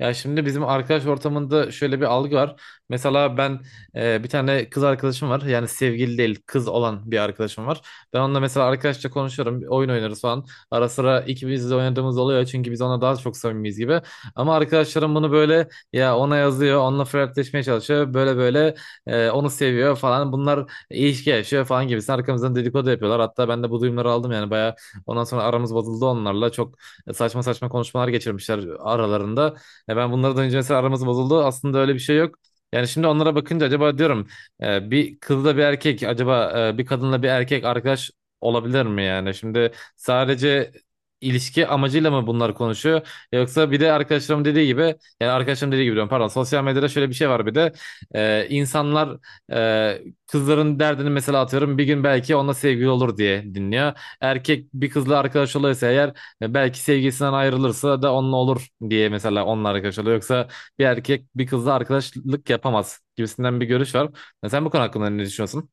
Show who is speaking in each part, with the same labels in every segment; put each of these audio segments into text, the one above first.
Speaker 1: Ya şimdi bizim arkadaş ortamında şöyle bir algı var. Mesela ben bir tane kız arkadaşım var. Yani sevgili değil kız olan bir arkadaşım var. Ben onunla mesela arkadaşça konuşuyorum. Oyun oynarız falan. Ara sıra ikimiz de oynadığımız oluyor. Çünkü biz ona daha çok samimiyiz gibi. Ama arkadaşlarım bunu böyle ya ona yazıyor. Onunla flörtleşmeye çalışıyor. Böyle böyle onu seviyor falan. Bunlar ilişki yaşıyor falan gibi. Arkamızdan dedikodu yapıyorlar. Hatta ben de bu duyumları aldım yani. Bayağı ondan sonra aramız bozuldu onlarla. Çok saçma saçma konuşmalar geçirmişler aralarında. Ya ben bunlardan önce mesela aramız bozuldu. Aslında öyle bir şey yok. Yani şimdi onlara bakınca acaba diyorum bir kızla bir erkek acaba bir kadınla bir erkek arkadaş olabilir mi yani? Şimdi sadece ilişki amacıyla mı bunlar konuşuyor? Yoksa bir de arkadaşlarım dediği gibi yani arkadaşlarım dediği gibi diyorum, pardon, sosyal medyada şöyle bir şey var bir de e, insanlar e, kızların derdini mesela atıyorum bir gün belki onunla sevgili olur diye dinliyor. Erkek bir kızla arkadaş oluyorsa eğer ya belki sevgisinden ayrılırsa da onunla olur diye mesela onunla arkadaş oluyor. Yoksa bir erkek bir kızla arkadaşlık yapamaz gibisinden bir görüş var. Ya sen bu konu hakkında ne düşünüyorsun?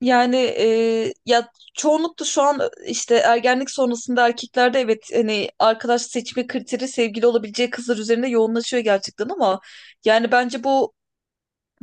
Speaker 2: Yani ya çoğunlukla şu an işte ergenlik sonrasında erkeklerde evet hani arkadaş seçme kriteri sevgili olabileceği kızlar üzerinde yoğunlaşıyor gerçekten ama yani bence bu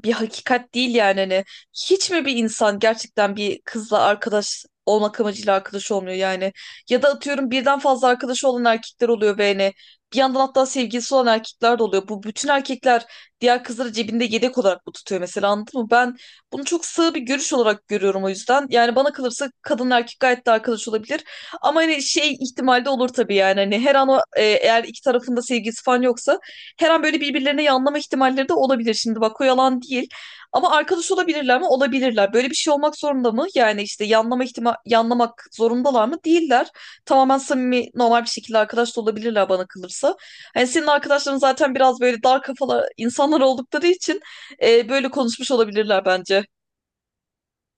Speaker 2: bir hakikat değil yani hani hiç mi bir insan gerçekten bir kızla arkadaş olmak amacıyla arkadaş olmuyor yani ya da atıyorum birden fazla arkadaşı olan erkekler oluyor ve hani bir yandan hatta sevgilisi olan erkekler de oluyor. Bu bütün erkekler diğer kızları cebinde yedek olarak bu tutuyor mesela, anladın mı? Ben bunu çok sığ bir görüş olarak görüyorum o yüzden. Yani bana kalırsa kadın erkek gayet de arkadaş olabilir. Ama hani şey ihtimalde olur tabii, yani hani her an eğer iki tarafında sevgilisi falan yoksa her an böyle birbirlerine yanlama ihtimalleri de olabilir. Şimdi bak o yalan değil. Ama arkadaş olabilirler mi? Olabilirler. Böyle bir şey olmak zorunda mı? Yani işte yanlamak zorundalar mı? Değiller. Tamamen samimi, normal bir şekilde arkadaş da olabilirler bana kalırsa. Hani senin arkadaşların zaten biraz böyle dar kafalı insanlar oldukları için böyle konuşmuş olabilirler bence.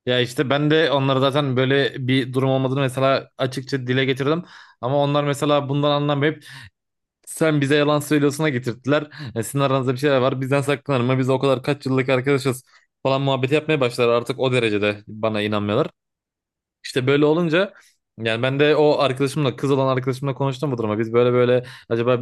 Speaker 1: Ya işte ben de onlara zaten böyle bir durum olmadığını mesela açıkça dile getirdim. Ama onlar mesela bundan anlamayıp sen bize yalan söylüyorsun'a getirttiler. E sizin aranızda bir şeyler var, bizden saklanır mı? Biz o kadar kaç yıllık arkadaşız falan muhabbeti yapmaya başlar, artık o derecede bana inanmıyorlar. İşte böyle olunca yani ben de o arkadaşımla, kız olan arkadaşımla konuştum bu duruma. Biz böyle böyle acaba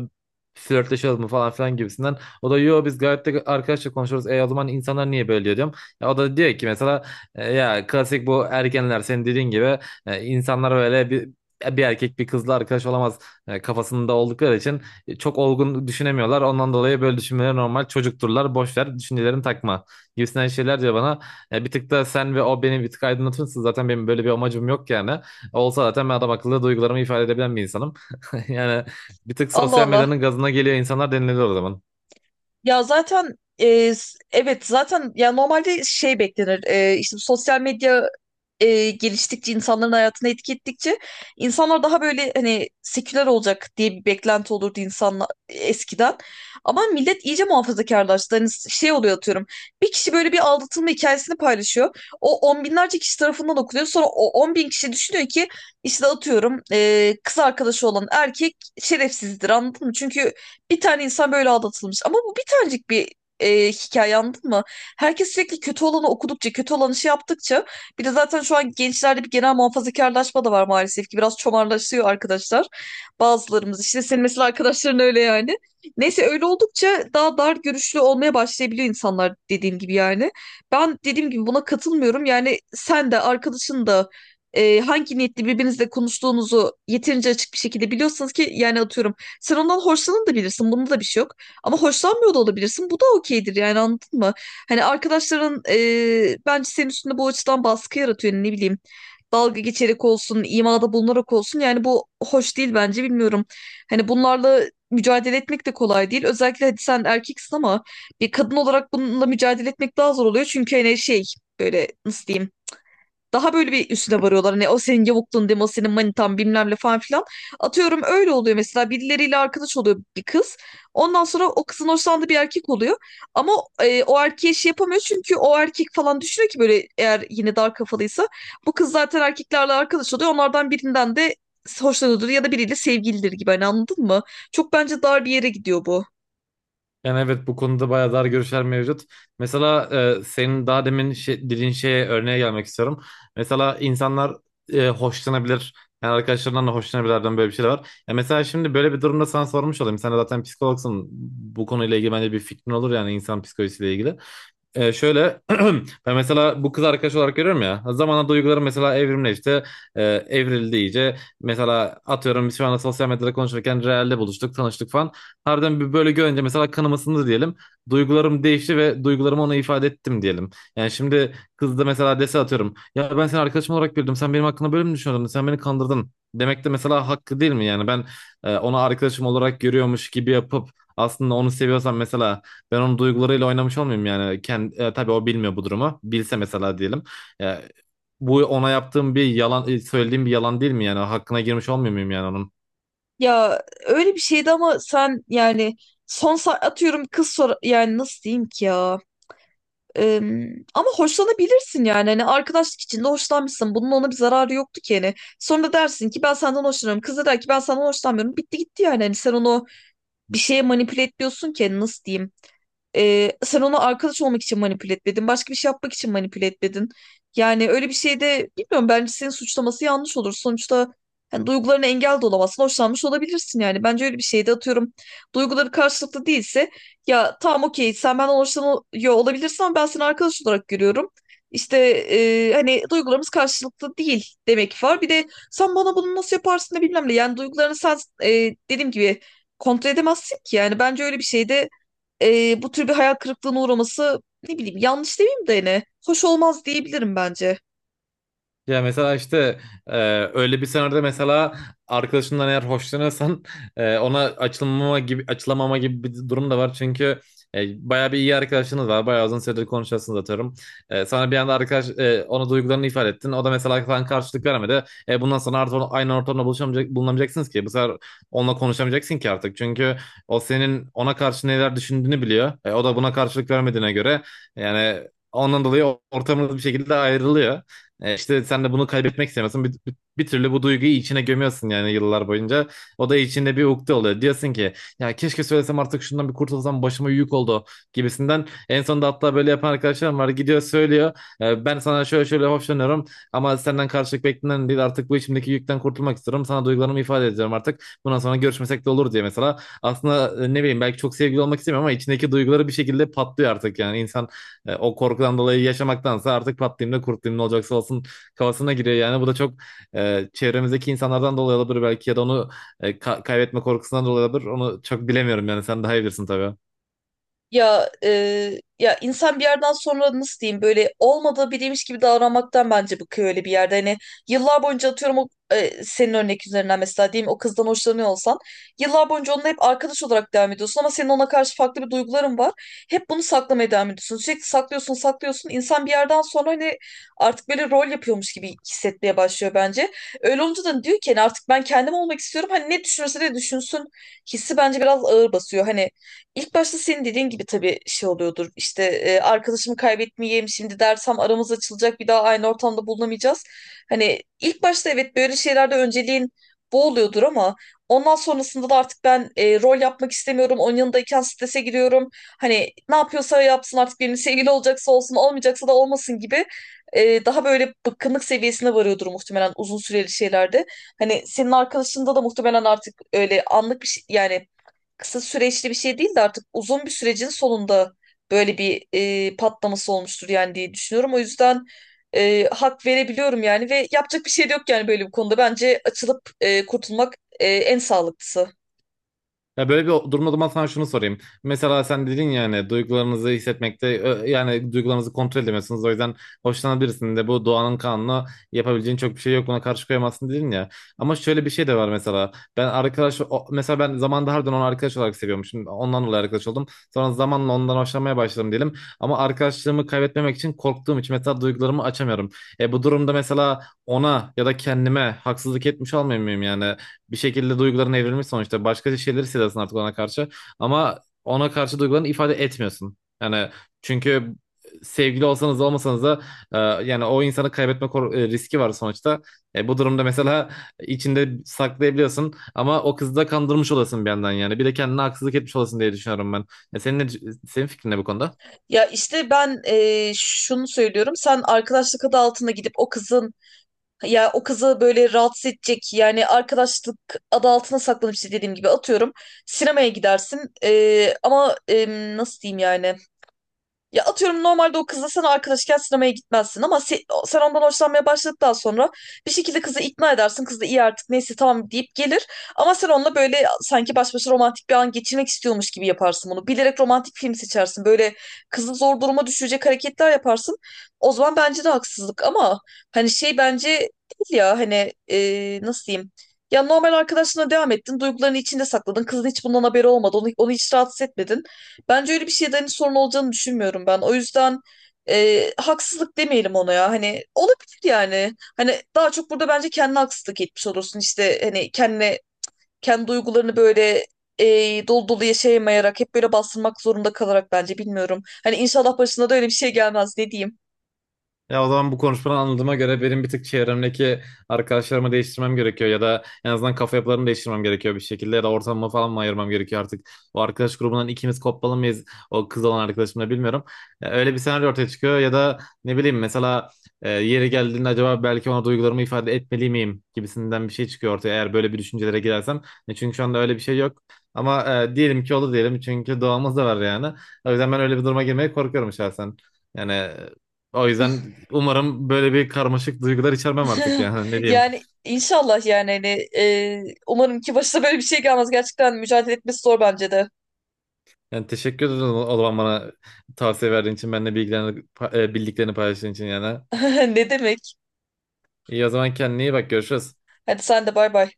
Speaker 1: flörtleşelim mu falan filan gibisinden. O da yo biz gayet de arkadaşça konuşuyoruz. E o zaman insanlar niye böyle diyor diyorum. Ya o da diyor ki mesela "E, ya klasik bu ergenler senin dediğin gibi insanlar böyle bir erkek bir kızla arkadaş olamaz kafasında oldukları için çok olgun düşünemiyorlar. Ondan dolayı böyle düşünmeleri normal. Çocukturlar. Boş ver. Düşüncelerini takma." Gibisinden şeyler diyor bana. E bir tık da sen ve o beni bir tık aydınlatıyorsun. Zaten benim böyle bir amacım yok yani. Olsa zaten ben adam akıllı duygularımı ifade edebilen bir insanım. Yani bir tık
Speaker 2: Allah
Speaker 1: sosyal
Speaker 2: Allah.
Speaker 1: medyanın gazına geliyor insanlar denilebilir o zaman.
Speaker 2: Ya zaten evet, zaten ya normalde şey beklenir. İşte bu sosyal medya geliştikçe, insanların hayatına etki ettikçe insanlar daha böyle hani seküler olacak diye bir beklenti olurdu insanlar eskiden. Ama millet iyice muhafazakarlaştı. Hani şey oluyor atıyorum. Bir kişi böyle bir aldatılma hikayesini paylaşıyor. O on binlerce kişi tarafından okunuyor. Sonra o on bin kişi düşünüyor ki işte atıyorum kız arkadaşı olan erkek şerefsizdir, anladın mı? Çünkü bir tane insan böyle aldatılmış. Ama bu bir tanecik bir hikaye, anladın mı? Herkes sürekli kötü olanı okudukça, kötü olanı şey yaptıkça bir de zaten şu an gençlerde bir genel muhafazakarlaşma da var maalesef ki. Biraz çomarlaşıyor arkadaşlar. Bazılarımız işte, senin mesela arkadaşların öyle yani. Neyse, öyle oldukça daha dar görüşlü olmaya başlayabiliyor insanlar, dediğim gibi yani. Ben dediğim gibi buna katılmıyorum. Yani sen de arkadaşın da hangi niyetle birbirinizle konuştuğunuzu yeterince açık bir şekilde biliyorsanız, ki yani atıyorum sen ondan hoşlanın da bilirsin. Bunda da bir şey yok. Ama hoşlanmıyor da olabilirsin. Bu da okeydir yani, anladın mı? Hani arkadaşların bence senin üstünde bu açıdan baskı yaratıyor. Yani ne bileyim, dalga geçerek olsun, imada bulunarak olsun. Yani bu hoş değil bence, bilmiyorum. Hani bunlarla mücadele etmek de kolay değil. Özellikle hadi sen erkeksin ama bir kadın olarak bununla mücadele etmek daha zor oluyor. Çünkü hani şey, böyle nasıl diyeyim, daha böyle bir üstüne varıyorlar. Hani o senin yavukluğun deme, o senin manitan bilmem ne falan filan. Atıyorum öyle oluyor mesela. Birileriyle arkadaş oluyor bir kız. Ondan sonra o kızın hoşlandığı bir erkek oluyor. Ama o erkeğe şey yapamıyor. Çünkü o erkek falan düşünüyor ki, böyle eğer yine dar kafalıysa. Bu kız zaten erkeklerle arkadaş oluyor. Onlardan birinden de hoşlanıyordur ya da biriyle sevgilidir gibi. Hani anladın mı? Çok bence dar bir yere gidiyor bu.
Speaker 1: Yani evet bu konuda bayağı dar görüşler mevcut. Mesela senin daha demin dediğin şeye, örneğe gelmek istiyorum. Mesela insanlar hoşlanabilir. Yani arkadaşlarından da hoşlanabilirden böyle bir şey de var. Ya mesela şimdi böyle bir durumda sana sormuş olayım. Sen de zaten psikologsun. Bu konuyla ilgili bence bir fikrin olur yani, insan psikolojisiyle ilgili. E, şöyle, ben mesela bu kız arkadaş olarak görüyorum ya. Zamanla duygularım mesela evrimle işte e, evrildi iyice. Mesela atıyorum biz şu anda sosyal medyada konuşurken realde buluştuk, tanıştık falan. Harbiden bir böyle görünce mesela kanım ısındı diyelim. Duygularım değişti ve duygularımı ona ifade ettim diyelim. Yani şimdi kız da mesela dese atıyorum. Ya ben seni arkadaşım olarak bildim. Sen benim hakkında böyle mi düşünüyordun? Sen beni kandırdın. Demek de mesela hakkı değil mi? Yani ben onu arkadaşım olarak görüyormuş gibi yapıp aslında onu seviyorsam mesela ben onun duygularıyla oynamış olmayayım yani. Kendi, tabii o bilmiyor bu durumu. Bilse mesela diyelim. E, bu ona yaptığım bir yalan, söylediğim bir yalan değil mi yani? Hakkına girmiş olmuyor muyum yani onun?
Speaker 2: Ya öyle bir şeydi ama sen yani atıyorum kız sor, yani nasıl diyeyim ki ya? Eee, ama hoşlanabilirsin yani. Hani arkadaşlık içinde hoşlanmışsın. Bunun ona bir zararı yoktu ki hani. Sonra dersin ki ben senden hoşlanıyorum. Kız da der ki ben senden hoşlanmıyorum. Bitti gitti yani. Hani sen onu bir şeye manipüle ediyorsun ki, hani nasıl diyeyim. Sen onu arkadaş olmak için manipüle etmedin. Başka bir şey yapmak için manipüle etmedin. Yani öyle bir şeyde bilmiyorum, bence senin suçlaması yanlış olur. Sonuçta hani duygularına engel de olamazsın. Hoşlanmış olabilirsin yani. Bence öyle bir şeyde atıyorum. Duyguları karşılıklı değilse, ya tamam, okey, sen benden hoşlanıyor olabilirsin ama ben seni arkadaş olarak görüyorum. İşte hani duygularımız karşılıklı değil demek var. Bir de sen bana bunu nasıl yaparsın da bilmem ne. Yani duygularını sen e, dediğim gibi kontrol edemezsin ki. Yani bence öyle bir şeyde bu tür bir hayal kırıklığına uğraması, ne bileyim yanlış demeyeyim de hani hoş olmaz diyebilirim bence.
Speaker 1: Ya mesela işte e, öyle bir senaryoda mesela arkadaşından eğer hoşlanıyorsan ona açılmama gibi açılamama gibi bir durum da var. Çünkü bayağı bir iyi arkadaşınız var. Bayağı uzun süredir konuşuyorsunuz atıyorum. E, sana bir anda ona duygularını ifade ettin. O da mesela sana karşılık vermedi. E, bundan sonra artık aynı ortamda bulunamayacaksınız ki. Bu sefer onunla konuşamayacaksın ki artık. Çünkü o senin ona karşı neler düşündüğünü biliyor. E, o da buna karşılık vermediğine göre yani ondan dolayı ortamınız bir şekilde ayrılıyor. E, işte sen de bunu kaybetmek istemiyorsun. Bir türlü bu duyguyu içine gömüyorsun yani yıllar boyunca. O da içinde bir ukde oluyor. Diyorsun ki ya keşke söylesem artık, şundan bir kurtulsam, başıma yük oldu gibisinden. En sonunda hatta böyle yapan arkadaşlarım var. Gidiyor söylüyor. E, ben sana şöyle şöyle hoşlanıyorum ama senden karşılık beklenen değil. Artık bu içimdeki yükten kurtulmak istiyorum. Sana duygularımı ifade edeceğim artık. Bundan sonra görüşmesek de olur diye mesela. Aslında ne bileyim belki çok sevgili olmak istemiyorum ama içindeki duyguları bir şekilde patlıyor artık yani. İnsan o korkudan dolayı yaşamaktansa artık patlayayım da kurtulayım, ne olacaksa olsun kafasına giriyor yani. Bu da çok çevremizdeki insanlardan dolayı olabilir belki ya da onu kaybetme korkusundan dolayı olabilir. Onu çok bilemiyorum yani, sen daha iyi bilirsin tabii.
Speaker 2: Ya ya insan bir yerden sonra nasıl diyeyim, böyle olmadığı biriymiş gibi davranmaktan bence bıkıyor öyle bir yerde. Hani yıllar boyunca atıyorum senin örnek üzerinden mesela diyeyim, o kızdan hoşlanıyor olsan yıllar boyunca onunla hep arkadaş olarak devam ediyorsun ama senin ona karşı farklı bir duyguların var. Hep bunu saklamaya devam ediyorsun. Sürekli saklıyorsun, saklıyorsun. İnsan bir yerden sonra hani artık böyle rol yapıyormuş gibi hissetmeye başlıyor bence. Öyle olunca da diyor ki hani artık ben kendim olmak istiyorum. Hani ne düşünürse de düşünsün hissi bence biraz ağır basıyor. Hani İlk başta senin dediğin gibi tabii şey oluyordur. İşte arkadaşımı kaybetmeyeyim, şimdi dersem aramız açılacak, bir daha aynı ortamda bulunamayacağız. Hani ilk başta evet böyle şeylerde önceliğin bu oluyordur ama ondan sonrasında da artık ben rol yapmak istemiyorum. Onun yanındayken strese giriyorum. Hani ne yapıyorsa yapsın, artık benim sevgili olacaksa olsun, olmayacaksa da olmasın gibi, daha böyle bıkkınlık seviyesine varıyordur muhtemelen uzun süreli şeylerde. Hani senin arkadaşında da muhtemelen artık öyle anlık bir şey yani, kısa süreçli bir şey değil de artık uzun bir sürecin sonunda böyle bir patlaması olmuştur yani diye düşünüyorum. O yüzden hak verebiliyorum yani, ve yapacak bir şey de yok yani böyle bir konuda. Bence açılıp kurtulmak en sağlıklısı.
Speaker 1: Ya böyle bir durumda o zaman sana şunu sorayım. Mesela sen dedin ya hani duygularınızı yani duygularınızı kontrol edemiyorsunuz. O yüzden hoşlanan birisinin de bu doğanın kanunu, yapabileceğin çok bir şey yok. Ona karşı koyamazsın dedin ya. Ama şöyle bir şey de var mesela. Ben mesela ben zamanında harbiden onu arkadaş olarak seviyormuşum. Ondan dolayı arkadaş oldum. Sonra zamanla ondan hoşlanmaya başladım diyelim. Ama arkadaşlığımı kaybetmemek için, korktuğum için mesela duygularımı açamıyorum. E bu durumda mesela ona ya da kendime haksızlık etmiş olmuyor muyum yani? Bir şekilde duyguların evrilmiş sonuçta. Başka şeyleri hissediyorsun artık ona karşı. Ama ona karşı duygularını ifade etmiyorsun. Yani çünkü sevgili olsanız da olmasanız da e, yani o insanı riski var sonuçta. E, bu durumda mesela içinde saklayabiliyorsun ama o kızı da kandırmış olasın bir yandan yani. Bir de kendine haksızlık etmiş olasın diye düşünüyorum ben. E, senin ne, senin fikrin ne bu konuda?
Speaker 2: Ya işte ben şunu söylüyorum. Sen arkadaşlık adı altında gidip o kızın, ya o kızı böyle rahatsız edecek, yani arkadaşlık adı altına saklanıp işte dediğim gibi atıyorum sinemaya gidersin. Nasıl diyeyim yani. Ya atıyorum normalde o kızla sen arkadaşken sinemaya gitmezsin ama sen ondan hoşlanmaya başladıktan sonra bir şekilde kızı ikna edersin. Kız da iyi, artık neyse tamam deyip gelir. Ama sen onunla böyle sanki baş başa romantik bir an geçirmek istiyormuş gibi yaparsın bunu. Bilerek romantik film seçersin. Böyle kızı zor duruma düşürecek hareketler yaparsın. O zaman bence de haksızlık, ama hani şey bence değil ya hani, nasıl diyeyim? Ya normal arkadaşına devam ettin. Duygularını içinde sakladın. Kızın hiç bundan haberi olmadı. Onu hiç rahatsız etmedin. Bence öyle bir şeyden hani sorun olacağını düşünmüyorum ben. O yüzden haksızlık demeyelim ona ya. Hani olabilir yani. Hani daha çok burada bence kendine haksızlık etmiş olursun. İşte hani kendi duygularını böyle dolu dolu yaşayamayarak, hep böyle bastırmak zorunda kalarak, bence bilmiyorum. Hani inşallah başına da öyle bir şey gelmez, ne diyeyim.
Speaker 1: Ya o zaman bu konuşmadan anladığıma göre benim bir tık çevremdeki arkadaşlarımı değiştirmem gerekiyor ya da en azından kafa yapılarını değiştirmem gerekiyor bir şekilde ya da ortamımı falan mı ayırmam gerekiyor artık. O arkadaş grubundan ikimiz kopmalı mıyız o kız olan arkadaşımla, bilmiyorum. Ya öyle bir senaryo ortaya çıkıyor ya da ne bileyim mesela yeri geldiğinde acaba belki ona duygularımı ifade etmeli miyim gibisinden bir şey çıkıyor ortaya eğer böyle bir düşüncelere girersem. E, çünkü şu anda öyle bir şey yok. Ama diyelim ki olur diyelim, çünkü doğamız da var yani. O yüzden ben öyle bir duruma girmeye korkuyorum şahsen. Yani o yüzden umarım böyle bir karmaşık duygular içermem artık yani. Ne diyeyim.
Speaker 2: Yani inşallah yani hani umarım ki başına böyle bir şey gelmez. Gerçekten mücadele etmesi zor bence de.
Speaker 1: Yani teşekkür ederim o zaman bana tavsiye verdiğin için, benimle bilgilerini, bildiklerini paylaştığın için yani.
Speaker 2: Ne demek?
Speaker 1: İyi o zaman, kendine iyi bak, görüşürüz.
Speaker 2: Hadi sen de, bay bay.